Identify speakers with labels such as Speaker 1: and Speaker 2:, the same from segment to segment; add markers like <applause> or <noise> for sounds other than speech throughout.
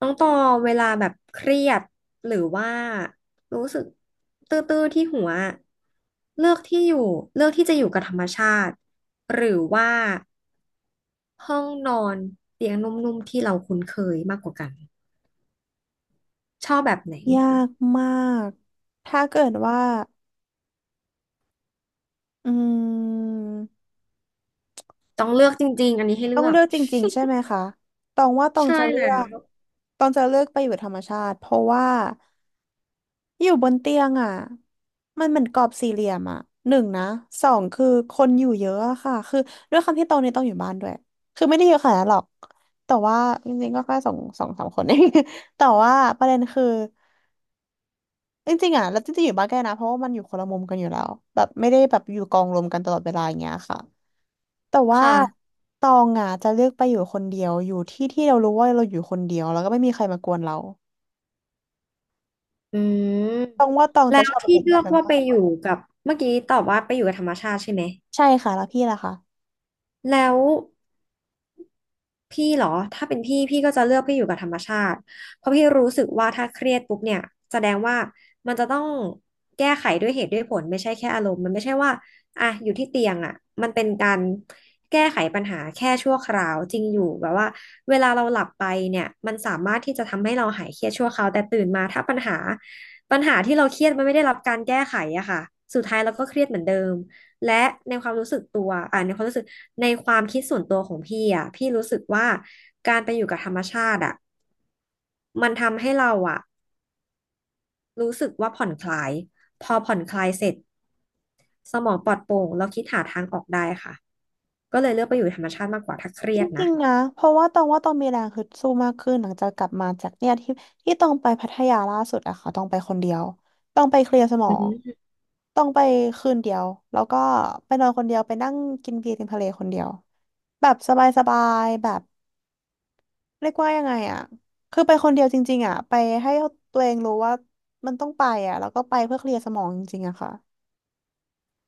Speaker 1: น้องตอเวลาแบบเครียดหรือว่ารู้สึกตื้อๆที่หัวเลือกที่อยู่เลือกที่จะอยู่กับธรรมชาติหรือว่าห้องนอนเตียงนุ่มๆที่เราคุ้นเคยมากกว่ากันชอบแบบไหน
Speaker 2: ยากมาก ถ้าเกิดว่าอืม
Speaker 1: ต้องเลือกจริงๆอันนี้ให้เลื
Speaker 2: ต้อง
Speaker 1: อก
Speaker 2: เลือกจริงๆใช่ไหมคะตองว่าตอง
Speaker 1: ใช่
Speaker 2: จะเลื
Speaker 1: แล้
Speaker 2: อก
Speaker 1: ว
Speaker 2: ตองจะเลือกไปอยู่ธรรมชาติเพราะว่า อยู่บนเตียงอ่ะมันเหมือนกรอบสี่เหลี่ยมอ่ะหนึ่งนะสองคือคนอยู่เยอะอะค่ะคือด้วยความที่โตเนี่ยต้องอยู่บ้านด้วยคือไม่ได้เยอะขนาดนั้นหรอกแต่ว่าจริงๆก็แค่สองสองสามคนเอง <laughs> แต่ว่าประเด็นคือจริงๆอ่ะแล้วจริงๆอยู่บ้านแกล้นะเพราะว่ามันอยู่คนละมุมกันอยู่แล้วแบบไม่ได้แบบอยู่กองรวมกันตลอดเวลาอย่างเงี้ยค่ะแต่ว่า
Speaker 1: ค่ะ
Speaker 2: ตองอ่ะจะเลือกไปอยู่คนเดียวอยู่ที่ที่เรารู้ว่าเราอยู่คนเดียวแล้วก็ไม่มีใครมากวนเรา
Speaker 1: อืม
Speaker 2: ตองว่าตอง
Speaker 1: แล้
Speaker 2: จะช
Speaker 1: ว
Speaker 2: อบแบ
Speaker 1: ที่
Speaker 2: บ
Speaker 1: เลื
Speaker 2: นั้
Speaker 1: อก
Speaker 2: น
Speaker 1: ว่า
Speaker 2: มา
Speaker 1: ไปอ
Speaker 2: ก
Speaker 1: ยู่กับเมื่อกี้ตอบว่าไปอยู่กับธรรมชาติใช่ไหม
Speaker 2: ใช่ค่ะแล้วพี่ล่ะคะ
Speaker 1: แล้ว พี่เหรอถ้าเป็นพี่ก็จะเลือกพี่อยู่กับธรรมชาติเพราะพี่รู้สึกว่าถ้าเครียดปุ๊บเนี่ยแสดงว่ามันจะต้องแก้ไขด้วยเหตุด้วยผลไม่ใช่แค่อารมณ์มันไม่ใช่ว่าอ่ะอยู่ที่เตียงอ่ะมันเป็นการแก้ไขปัญหาแค่ชั่วคราวจริงอยู่แบบว่าเวลาเราหลับไปเนี่ยมันสามารถที่จะทำให้เราหายเครียดชั่วคราวแต่ตื่นมาถ้าปัญหาปัญหาที่เราเครียดมันไม่ได้รับการแก้ไขอะค่ะสุดท้ายเราก็เครียดเหมือนเดิม และในความรู้สึกตัวในความรู้สึกในความคิดส่วนตัวของพี่อ่ะพี่รู้สึกว่าการไปอยู่กับธรรมชาติอ่ะมันทำให้เราอ่ะรู้สึกว่าผ่อนคลายพอผ่อนคลายเสร็จสมองปลอดโปร่งเราคิดหาทางออกได้ค่ะก็เลยเลือกไปอยู่ธรรมชาติมากกว่าถ้าเครี
Speaker 2: จ
Speaker 1: ยด
Speaker 2: ริ
Speaker 1: นะ
Speaker 2: งๆนะเพราะว่าตองว่าตองมีแรงฮึดสู้มากขึ้นหลังจากกลับมาจากเนี่ยที่ที่ตองไปพัทยาล่าสุดอะค่ะตองไปคนเดียวตองไปเคลียร์สมอ
Speaker 1: อื
Speaker 2: ง
Speaker 1: ม
Speaker 2: ตองไปคืนเดียวแล้วก็ไปนอนคนเดียวไปนั่งกินเบียร์ริมทะเลคนเดียวแบบสบายๆแบบเรียกว่ายังไงอะคือไปคนเดียวจริงๆอะไปให้ตัวเองรู้ว่ามันต้องไปอะแล้วก็ไปเพื่อเคลียร์สมองจริงๆอะค่ะ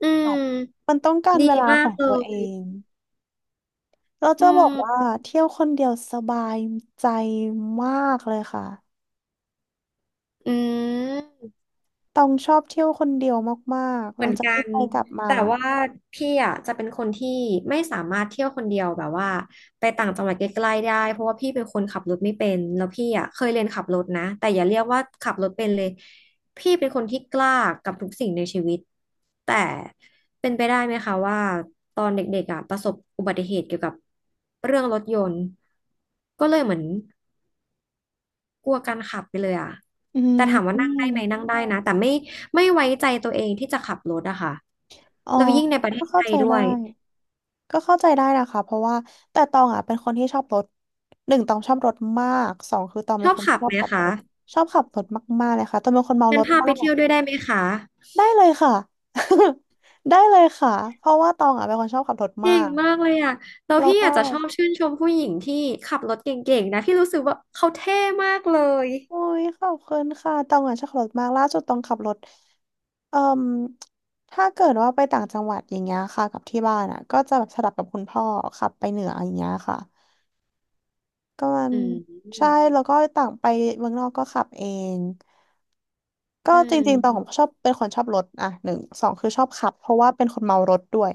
Speaker 1: อื
Speaker 2: แบบ
Speaker 1: ม
Speaker 2: มันต้องการ
Speaker 1: ดี
Speaker 2: เวลา
Speaker 1: มา
Speaker 2: ขอ
Speaker 1: ก
Speaker 2: ง
Speaker 1: เล
Speaker 2: ตัวเอ
Speaker 1: ย
Speaker 2: ง เรา
Speaker 1: อื
Speaker 2: จะบอกว่า
Speaker 1: ม
Speaker 2: เที่ยวคนเดียวสบายใจมากเลยค่ะ
Speaker 1: อืม
Speaker 2: ต้องชอบเที่ยวคนเดียวมากๆห
Speaker 1: เห
Speaker 2: ลั
Speaker 1: มือ
Speaker 2: ง
Speaker 1: น
Speaker 2: จาก
Speaker 1: กั
Speaker 2: ที่
Speaker 1: น
Speaker 2: ไปกลับมา
Speaker 1: แต่ว่าพี่อ่ะจะเป็นคนที่ไม่สามารถเที่ยวคนเดียวแบบว่าไปต่างจังหวัดใกล้ๆได้เพราะว่าพี่เป็นคนขับรถไม่เป็นแล้วพี่อ่ะเคยเรียนขับรถนะแต่อย่าเรียกว่าขับรถเป็นเลยพี่เป็นคนที่กล้ากับทุกสิ่งในชีวิตแต่เป็นไปได้ไหมคะว่าตอนเด็กๆอ่ะประสบอุบัติเหตุเกี่ยวกับเรื่องรถยนต์ก็เลยเหมือน กลัวการขับไปเลยอ่ะ
Speaker 2: อื
Speaker 1: แต่
Speaker 2: ม
Speaker 1: ถาม
Speaker 2: อ
Speaker 1: ว่านั่งได้ไหม
Speaker 2: ม
Speaker 1: นั่งได้นะ แต่ไม่ไม่ไว้ใจตัวเองที่จะขับรถอะค่ะ
Speaker 2: อ๋อ
Speaker 1: แล้วยิ่งในประเท
Speaker 2: ก็
Speaker 1: ศไท
Speaker 2: เข้าใจ
Speaker 1: ยด้
Speaker 2: ได้
Speaker 1: วย
Speaker 2: ก็เข้าใจได้นะคะเพราะว่าแต่ตองอ่ะเป็นคนที่ชอบรถหนึ่งตองชอบรถมากสองคือตอง
Speaker 1: ช
Speaker 2: เป็น
Speaker 1: อบ
Speaker 2: คน
Speaker 1: ขับ
Speaker 2: ชอ
Speaker 1: ไห
Speaker 2: บ
Speaker 1: ม
Speaker 2: ขับร
Speaker 1: คะ
Speaker 2: ถชอบขับรถมากๆเลยค่ะตองเป็นคนเมา
Speaker 1: งั้
Speaker 2: ร
Speaker 1: น
Speaker 2: ถ
Speaker 1: พา
Speaker 2: มา
Speaker 1: ไป
Speaker 2: ก
Speaker 1: เที่ยวด้วยได้ไหมคะ
Speaker 2: ได้เลยค่ะ <laughs> ได้เลยค่ะเพราะว่าตองอ่ะเป็นคนชอบขับรถ
Speaker 1: เก่
Speaker 2: มา
Speaker 1: ง
Speaker 2: ก
Speaker 1: มากเลยอะแล้ว
Speaker 2: แล้ว
Speaker 1: พี่
Speaker 2: ก็
Speaker 1: อาจจะชอบชื่นชมผู้หญิงที่ขับรถเก่งๆนะพี่รู้สึกว่าเขาเท่มากเลย
Speaker 2: โอ้ยขอบคุณค่ะตองอ่ะชอบขับรถมากล่าสุดตองขับรถเอ่มถ้าเกิดว่าไปต่างจังหวัดอย่างเงี้ยค่ะกับที่บ้านอ่ะก็จะแบบสลับกับคุณพ่อขับไปเหนืออย่างเงี้ยค่ะก็มัน
Speaker 1: อืม
Speaker 2: ใช่แล้วก็ต่างไปเมืองนอกก็ขับเองก็
Speaker 1: อื
Speaker 2: จริงๆตอง
Speaker 1: ม
Speaker 2: ชอบเป็นคนชอบรถอ่ะหนึ่งสองคือชอบขับเพราะว่าเป็นคนเมารถด้วย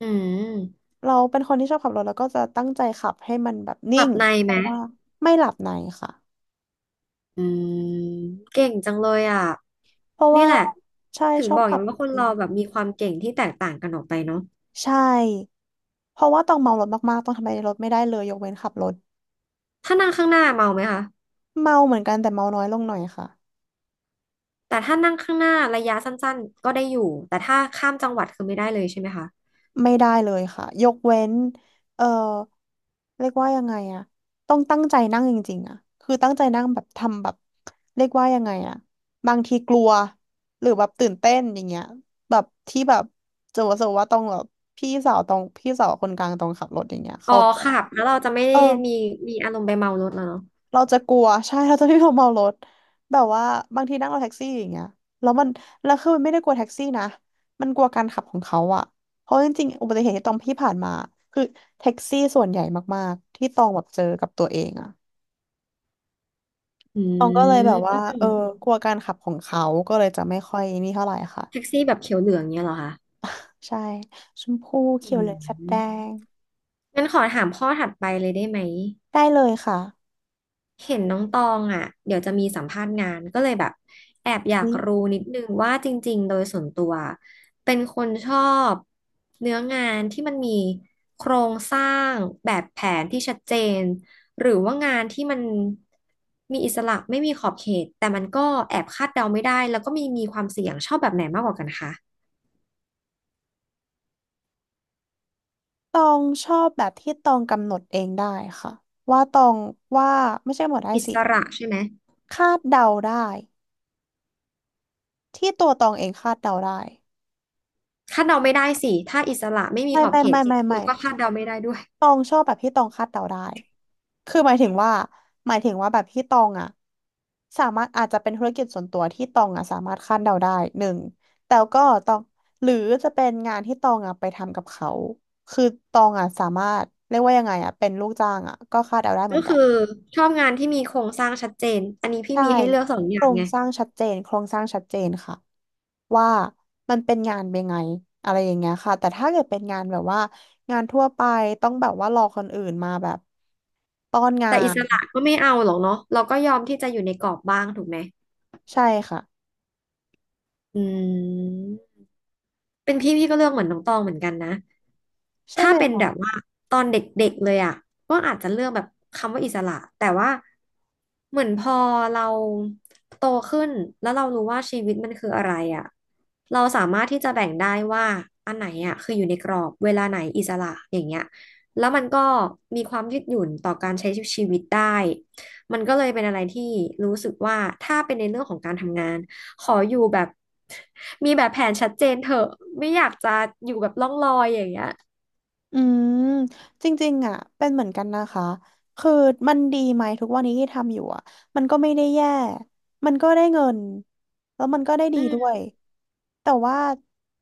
Speaker 1: อืม
Speaker 2: เราเป็นคนที่ชอบขับรถแล้วก็จะตั้งใจขับให้มันแบบ
Speaker 1: ห
Speaker 2: นิ่
Speaker 1: ลั
Speaker 2: ง
Speaker 1: บใน
Speaker 2: เพ
Speaker 1: ไหม
Speaker 2: ราะว่าไม่หลับในค่ะ
Speaker 1: อืมเก่งจังเลยอ่ะ
Speaker 2: เพราะ
Speaker 1: นี่
Speaker 2: ว่า
Speaker 1: แหละ
Speaker 2: ใช่
Speaker 1: ถึง
Speaker 2: ชอ
Speaker 1: บ
Speaker 2: บ
Speaker 1: อกอ
Speaker 2: ขั
Speaker 1: ย่า
Speaker 2: บ
Speaker 1: ง
Speaker 2: จ
Speaker 1: ว่าคน
Speaker 2: ริ
Speaker 1: เรา
Speaker 2: ง
Speaker 1: แบบมีความเก่งที่แตกต่างกันออกไปเนาะ
Speaker 2: ใช่เพราะว่าต้องเมารถมากๆต้องทำอะไรในรถไม่ได้เลยยกเว้นขับรถ
Speaker 1: ถ้านั่งข้างหน้าเมาไหมคะ
Speaker 2: เมาเหมือนกันแต่เมาน้อยลงหน่อยค่ะ
Speaker 1: แต่ถ้านั่งข้างหน้าระยะสั้นๆก็ได้อยู่ แต่ถ้าข้ามจังหวัดคือไม่ได้เลยใช่ไหมคะ
Speaker 2: ไม่ได้เลยค่ะยกเว้นเออเรียกว่ายังไงอะต้องตั้งใจนั่งจริงๆอะคือตั้งใจนั่งแบบทำแบบเรียกว่ายังไงอะบางทีกลัวหรือแบบตื่นเต้นอย่างเงี้ยแบบที่แบบจะว่าต้องแบบพี่สาวตรงพี่สาวคนกลางตรงขับรถอย่างเงี้ย
Speaker 1: อ๋อ
Speaker 2: เขาใจะ
Speaker 1: ค่ะแล้วเราจะไม่
Speaker 2: เอ
Speaker 1: ได้
Speaker 2: อ
Speaker 1: มีมีอารมณ์ไปเมารถแล้วเนาะ
Speaker 2: เราจะกลัว <laughs> ใช่เราจะไม่ยอมเมารถแบบว่าบางทีนั่งรถแท็กซี่อย่างเงี้ยแล้วมันแล้วคือมันไม่ได้กลัวแท็กซี่นะมันกลัวการขับของเขาอะเพราะจริงๆอุบัติเหตุที่ตองพี่ผ่านมาคือแท็กซี่ส่วนใหญ่มากๆที่ตองแบบเจอกับตัวเองอะ
Speaker 1: อื
Speaker 2: ตองก็เลยแบบว่า
Speaker 1: ม
Speaker 2: เออกลัวการขับของเขาก็เลยจะไม่ค่อยนี่เท่าไหร่ค่ะ
Speaker 1: แท็กซี่แบบเขียวเหลืองเนี้ยเหรอคะ
Speaker 2: ใช่ชมพูเขีย
Speaker 1: อื
Speaker 2: วเหลืองแฟดแด
Speaker 1: ม
Speaker 2: ง
Speaker 1: งั้นขอถามข้อถัดไปเลยได้ไหม
Speaker 2: ได้เลยค่ะ
Speaker 1: เห็นน้องตองอ่ะเดี๋ยวจะมีสัมภาษณ์งานก็เลยแบบแอบอยาก
Speaker 2: นี่
Speaker 1: รู้นิดนึงว่าจริงๆโดยส่วนตัวเป็นคนชอบเนื้องานที่มันมีโครงสร้างแบบแผนที่ชัดเจนหรือว่างานที่มันมีอิสระไม่มีขอบเขตแต่มันก็แอบคาดเดาไม่ได้แล้วก็มีมีความเสี่ยงชอบแบบไหนมากกว่ากันคะ
Speaker 2: ตองชอบแบบที่ตองกำหนดเองได้ค่ะว่าตองว่าไม่ใช่หมดได้
Speaker 1: อิ
Speaker 2: สิ
Speaker 1: สระใช่ไหม
Speaker 2: คาดเดาได้ที่ตัวตองเองคาดเดาได้
Speaker 1: คาดเดาไม่ได้สิถ้าอิสระไม่มีขอบเขต
Speaker 2: ไม่
Speaker 1: แล้วก็คาดเดาไม่ได้ด้วย
Speaker 2: ตองชอบแบบที่ตองคาดเดาได้คือหมายถึงว่าแบบที่ตองอ่ะสามารถอาจจะเป็นธุรกิจส่วนตัวที่ตองอ่ะสามารถคาดเดาได้หนึ่งแต่ก็ตองหรือจะเป็นงานที่ตองอ่ะไปทำกับเขาคือตองอ่ะสามารถเรียกว่ายังไงอ่ะเป็นลูกจ้างอ่ะก็คาดเดาได้เห
Speaker 1: ก็
Speaker 2: มือนกั
Speaker 1: คือ
Speaker 2: น
Speaker 1: ชอบงานที่มีโครงสร้างชัดเจน อันนี้พี่
Speaker 2: ใช่
Speaker 1: มีให้เลือกสองอ
Speaker 2: โค
Speaker 1: ย่า
Speaker 2: ร
Speaker 1: ง
Speaker 2: ง
Speaker 1: ไง
Speaker 2: สร้างชัดเจนโครงสร้างชัดเจนค่ะว่ามันเป็นงานเป็นไงอะไรอย่างเงี้ยค่ะแต่ถ้าเกิดเป็นงานแบบว่างานทั่วไปต้องแบบว่ารอคนอื่นมาแบบต้อนงา
Speaker 1: แต่อิส
Speaker 2: น
Speaker 1: ระก็ไม่เอาหรอกเนาะเราก็ยอมที่จะอยู่ในกรอบบ้างถูกไหม
Speaker 2: ใช่ค่ะ
Speaker 1: อืม เป็นพี่ก็เลือกเหมือนน้องตองเหมือนกันนะ
Speaker 2: ใช่
Speaker 1: ถ้า
Speaker 2: ไหม
Speaker 1: เป็น
Speaker 2: คะ
Speaker 1: แบบว่าตอนเด็กๆเลยอ่ะก็อาจจะเลือกแบบคำว่าอิสระ แต่ว่าเหมือนพอเราโตขึ้นแล้วเรารู้ว่าชีวิตมันคืออะไรอ่ะเราสามารถที่จะแบ่งได้ว่าอันไหนอ่ะคืออยู่ในกรอบเวลาไหนอิสระอย่างเงี้ยแล้วมันก็มีความยืดหยุ่นต่อการใช้ชีวิตได้ มันก็เลยเป็นอะไรที่รู้สึกว่าถ้าเป็นในเรื่องของการทำงานขออยู่แบบมีแบบแผนชัดเจนเถอะไม่อยากจะอยู่แบบล่องลอยอย่างเงี้ย
Speaker 2: อืมจริงๆอ่ะเป็นเหมือนกันนะคะคือมันดีไหมทุกวันนี้ที่ทำอยู่อ่ะมันก็ไม่ได้แย่มันก็ได้เงินแล้วมันก็ได้ดี
Speaker 1: อื
Speaker 2: ด้ว
Speaker 1: ม
Speaker 2: ยแต่ว่า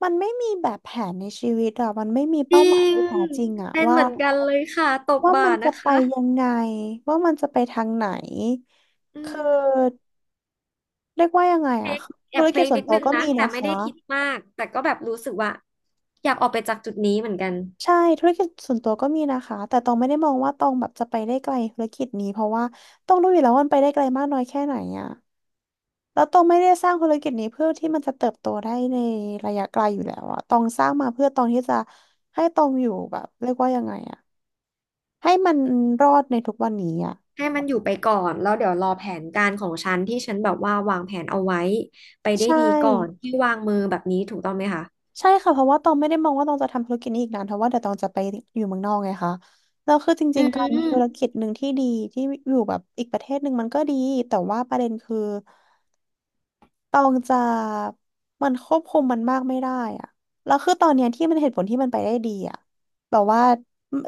Speaker 2: มันไม่มีแบบแผนในชีวิตอ่ะมันไม่มี
Speaker 1: จ
Speaker 2: เป้า
Speaker 1: ริ
Speaker 2: หมาย
Speaker 1: ง
Speaker 2: ที่แท้จริงอ่ะ
Speaker 1: เป็น
Speaker 2: ว่า
Speaker 1: เหมือนกันเลยค่ะตบ
Speaker 2: ว่ามั
Speaker 1: บ่า
Speaker 2: นจะ
Speaker 1: นะ
Speaker 2: ไป
Speaker 1: คะ
Speaker 2: ยังไงว่ามันจะไปทางไหน
Speaker 1: อื
Speaker 2: คื
Speaker 1: ม
Speaker 2: อเรียกว่ายังไงอะคือ
Speaker 1: แอ
Speaker 2: ธุ
Speaker 1: บ
Speaker 2: ร
Speaker 1: เพ
Speaker 2: กิ
Speaker 1: ล
Speaker 2: จ
Speaker 1: ง
Speaker 2: ส่ว
Speaker 1: นิ
Speaker 2: น
Speaker 1: ด
Speaker 2: ตัว
Speaker 1: นึง
Speaker 2: ก็
Speaker 1: นะ
Speaker 2: มี
Speaker 1: แต่
Speaker 2: นะ
Speaker 1: ไม่
Speaker 2: คะ
Speaker 1: ได้คิดมากแต่ก็แบบรู้สึกว่าอยากออกไปจากจุดนี้เหมือนกัน
Speaker 2: ใช่ธุรกิจส่วนตัวก็มีนะคะแต่ตองไม่ได้มองว่าตองแบบจะไปได้ไกลธุรกิจนี้เพราะว่าต้องรู้อยู่แล้วว่ามันไปได้ไกลมากน้อยแค่ไหนอะแล้วตองไม่ได้สร้างธุรกิจนี้เพื่อที่มันจะเติบโตได้ในระยะไกลอยู่แล้วอะตองสร้างมาเพื่อตองที่จะให้ตองอยู่แบบเรียกว่ายังไงอะให้มันรอดในทุกวันนี้อะ
Speaker 1: ให้มันอยู่ไปก่อนแล้วเดี๋ยวรอแผนการของฉันที่ฉันแบบว่าวางแผนเอาไว้ไปได้
Speaker 2: ใช่
Speaker 1: ดีก่อนที่วางมือแบบนี้ถูกต้องไหมคะ
Speaker 2: ใช่ค่ะเพราะว่าตองไม่ได้มองว่าตองจะทำธุรกิจนี้อีกนานเพราะว่าเดี๋ยวตองจะไปอยู่เมืองนอกไงคะแล้วคือจ
Speaker 1: อื
Speaker 2: ริงๆการมี
Speaker 1: ม
Speaker 2: ธุรกิจหนึ่งที่ดีที่อยู่แบบอีกประเทศหนึ่งมันก็ดีแต่ว่าประเด็นคือ ตองจะมันควบคุมมันมากไม่ได้อะแล้วคือตอนเนี้ยที่มันเหตุผลที่มันไปได้ดีอะแบบว่า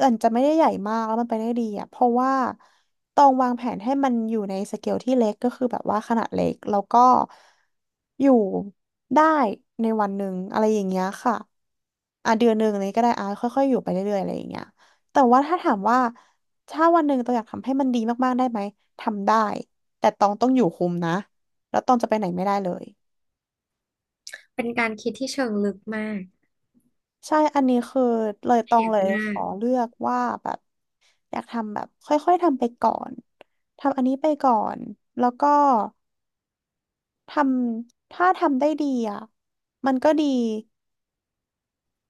Speaker 2: มันจะไม่ได้ใหญ่มากแล้วมันไปได้ดีอะเพราะว่าตองวางแผนให้มันอยู่ในสเกลที่เล็กก็คือแบบว่าขนาดเล็กแล้วก็อยู่ได้ในวันหนึ่งอะไรอย่างเงี้ยค่ะอ่ะเดือนหนึ่งอะไรก็ได้อ่ะค่อยๆอยู่ไปเรื่อยๆอะไรอย่างเงี้ยแต่ว่าถ้าถามว่าถ้าวันหนึ่งตองอยากทำให้มันดีมากๆได้ไหมทำได้แต่ตองต้องอยู่คุมนะ แล้วตองจะไปไหนไม่ได้เลย
Speaker 1: เป็นการคิดที่เชิงลึกมาก
Speaker 2: ใช่อันนี้คือเลยตอ
Speaker 1: เอี
Speaker 2: ง
Speaker 1: ยบ
Speaker 2: เลย
Speaker 1: มา
Speaker 2: ข
Speaker 1: ก
Speaker 2: อเลือกว่าแบบอยากทำแบบค่อยๆทำไปก่อนทำอันนี้ไปก่อนแล้วก็ทำถ้าทำได้ดีอ่ะมันก็ดี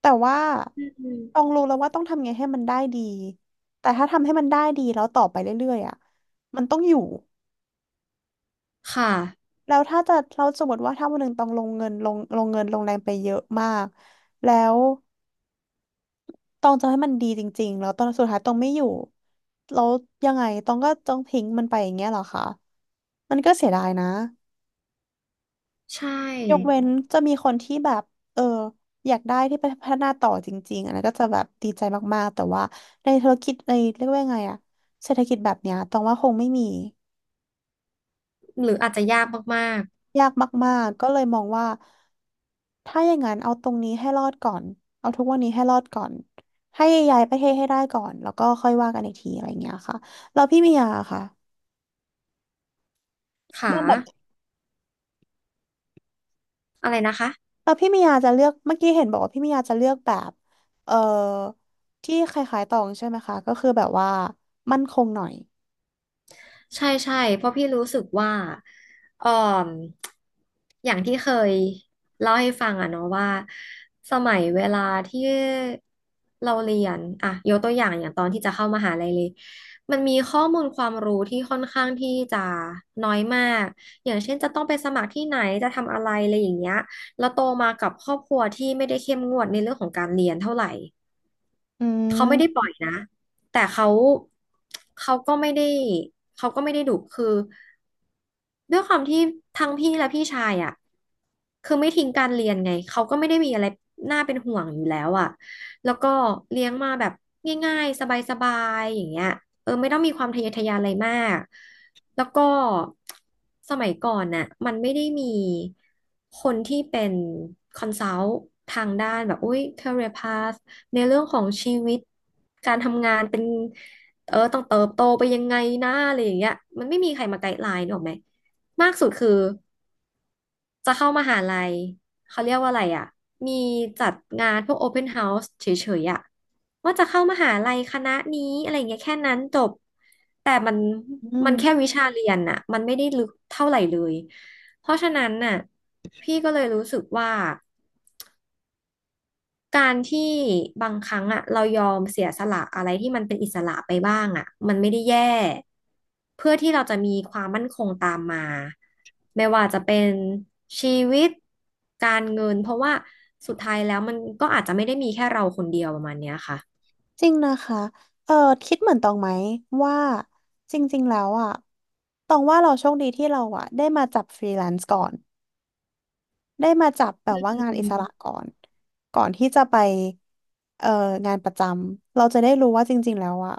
Speaker 2: แต่ว่า
Speaker 1: อืม
Speaker 2: ต้องรู้แล้วว่าต้องทำไงให้มันได้ดีแต่ถ้าทำให้มันได้ดีแล้วต่อไปเรื่อยๆอ่ะมันต้องอยู่
Speaker 1: ค่ะ
Speaker 2: แล้วถ้าจะเราสมมติว่าถ้าวันหนึ่งต้องลงเงินลงเงินลงแรงไปเยอะมากแล้ว ตองจะให้มันดีจริงๆ แล้วตอนสุดท้ายตองไม่อยู่แล้วยังไงตองก็ต้องทิ้งมันไปอย่างเงี้ยเหรอคะมันก็เสียดายนะ
Speaker 1: ใช
Speaker 2: ยก
Speaker 1: ่
Speaker 2: เว้นจะมีคนที่แบบเอออยากได้ที่ไปพัฒนาต่อจริงๆอันนั้นก็จะแบบดีใจมากๆแต่ว่าในธุรกิจในเรียกว่าไงอะเศรษฐกิจแบบเนี้ยตองว่าคงไม่มี
Speaker 1: หรืออาจจะยากมาก
Speaker 2: ยากมากๆก็เลยมองว่าถ้าอย่างนั้นเอาตรงนี้ให้รอดก่อนเอาทุกวันนี้ให้รอดก่อนให้ย้ายประเทศให้ได้ก่อนแล้วก็ค่อยว่ากันอีกทีอะไรอย่างเงี้ยค่ะแล้วพี่มียาค่ะ
Speaker 1: ๆค่ะ
Speaker 2: เลือกแบบ
Speaker 1: อะไรนะคะ
Speaker 2: พี่มียาจะเลือกเมื่อกี้เห็นบอกว่าพี่มียาจะเลือกแบบเออที่คล้ายๆตองใช่ไหมคะก็คือแบบว่ามั่นคงหน่อย
Speaker 1: ใช่ใช่เพราะพี่รู้สึกว่าเอ่ออย่างที่เคยเล่าให้ฟังอะเนาะว่าสมัยเวลาที่เราเรียนอะยกตัวอย่างอย่างตอนที่จะเข้ามหาลัยเลยมันมีข้อมูลความรู้ที่ค่อนข้างที่จะน้อยมากอย่างเช่นจะต้องไปสมัครที่ไหนจะทำอะไรอะไรอย่างเงี้ยแล้วโตมากับครอบครัวที่ไม่ได้เข้มงวดในเรื่องของการเรียนเท่าไหร่
Speaker 2: อื
Speaker 1: เขาไม่ได้ป
Speaker 2: ม
Speaker 1: ล่อยนะแต่เขาเขาก็ไม่ได้เขาก็ไม่ได้ดุคือ ด้วยความที่ทั้งพี่และพี่ชายอ่ะคือไม่ทิ้งการเรียนไงเขาก็ไม่ได้มีอะไรน่าเป็นห่วงอยู่แล้วอ่ะแล้วก็เลี้ยงมาแบบง่ายๆสบายๆอย่างเงี้ยเออไม่ต้องมีความทะเยอทะยานอะไรมากแล้วก็สมัยก่อนน่ะมันไม่ได้มีคนที่เป็นคอนซัลท์ทางด้านแบบอุ้ย career path ในเรื่องของชีวิตการทำงานเป็นเออต้องเติบโตไปยังไงนะอะไรอย่างเงี้ยมันไม่มีใครมาไกด์ไลน์หรอกไหม มากสุดคือจะเข้ามหาลัยเขาเรียกว่าอะไรอ่ะมีจัดงานพวก Open House เฉยๆอ่ะว่าจะเข้ามหาลัยคณะนี้อะไรเงี้ยแค่นั้นจบแต่มัน
Speaker 2: อื
Speaker 1: มันแค่
Speaker 2: ม
Speaker 1: วิชาเรียนน่ะมันไม่ได้ลึกเท่าไหร่เลยเพราะฉะนั้นน่ะพี่ก็เลยรู้สึกว่า การที่บางครั้งอ่ะเรายอมเสียสละอะไรที่มันเป็นอิสระไปบ้างอ่ะมันไม่ได้แย่เพื่อที่เราจะมีความมั่นคงตามมาไม่ว่าจะเป็นชีวิตการเงินเพราะว่าสุดท้ายแล้วมันก็อาจจะไม่ได้มีแค่เราคนเดียวประมาณเนี้ยค่ะ
Speaker 2: จริงนะคะเออคิดเหมือนตองไหมว่าจริงๆแล้วอ่ะตองว่าเราโชคดีที่เราอ่ะได้มาจับฟรีแลนซ์ก่อนได้มาจับแบ
Speaker 1: อ
Speaker 2: บว่างานอิ
Speaker 1: ื
Speaker 2: สระ
Speaker 1: ม
Speaker 2: ก่อนก่อนที่จะไปเอ่องานประจำเราจะได้รู้ว่าจริงๆแล้วอ่ะ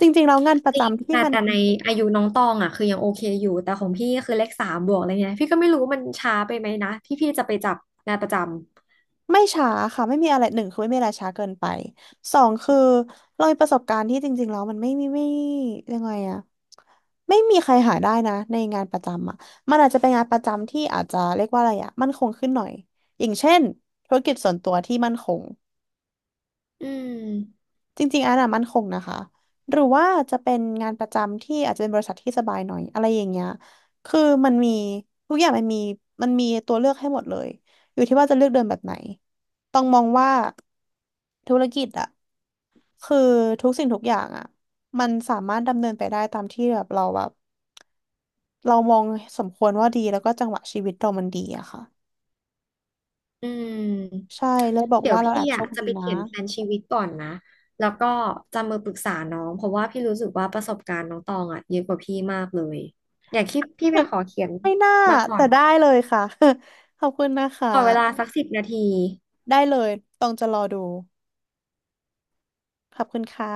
Speaker 2: จริงๆแล้วงานประ
Speaker 1: จริง
Speaker 2: จำที่
Speaker 1: แต่
Speaker 2: มัน
Speaker 1: แต่ในอายุน้องตองอ่ะคือยังโอเคอยู่แต่ของพี่ก็คือเลขสามบวกอะไรเงี้ยพี่ก็ไม่รู้ว่ามันช้าไปไหมนะที่พี่จะไปจับงานประจำ
Speaker 2: ไม่ช้าค่ะไม่มีอะไรหนึ่งคือไม่มีอะไรช้าเกินไปสองคือเรามีประสบการณ์ที่จริงๆแล้วมันไม่มีไม่ยังไงอะไม่มีใครหาได้นะในงานประจำอะมันอาจจะเป็นงานประจำที่อาจจะเรียกว่าอะไรอะมั่นคงขึ้นหน่อยอย่างเช่นธุรกิจส่วนตัวที่มั่นคง
Speaker 1: อืม
Speaker 2: จริงๆอันน่ะมั่นคงนะคะหรือว่าจะเป็นงานประจำที่อาจจะเป็นบริษัทที่สบายหน่อยอะไรอย่างเงี้ยคือมันมีทุกอย่างมันมีตัวเลือกให้หมดเลยอยู่ที่ว่าจะเลือกเดินแบบไหนต้องมองว่า ธุรกิจอะคือทุกสิ่งทุกอย่างอะมันสามารถดำเนินไปได้ตามที่แบบเราแบบเรามองสมควรว่าดีแล้วก็จังหวะชีวิตเรามันดีอะค่ะ
Speaker 1: อืม
Speaker 2: ใช่เลยบอก
Speaker 1: เดี๋ย
Speaker 2: ว่า
Speaker 1: ว
Speaker 2: เราแอ
Speaker 1: พี่
Speaker 2: บโช
Speaker 1: อ่ะ
Speaker 2: ค
Speaker 1: จะ
Speaker 2: ดี
Speaker 1: ไป
Speaker 2: นะ
Speaker 1: เขียนแผนชีวิตก่อนนะ แล้วก็จะมาปรึกษาน้อง เพราะว่าพี่รู้สึกว่าประสบการณ์น้องตองอ่ะเยอะกว่าพี่มากเลย อยากคิดพี่ไปขอเขียน
Speaker 2: <laughs> ไม่น่า
Speaker 1: มาก่อ
Speaker 2: แต่
Speaker 1: น
Speaker 2: ได้เลยค่ะ <laughs> ขอบคุณนะคะ
Speaker 1: ขอเวลาสัก10 นาที
Speaker 2: ได้เลยต้องจะรอดูขอบคุณค่ะ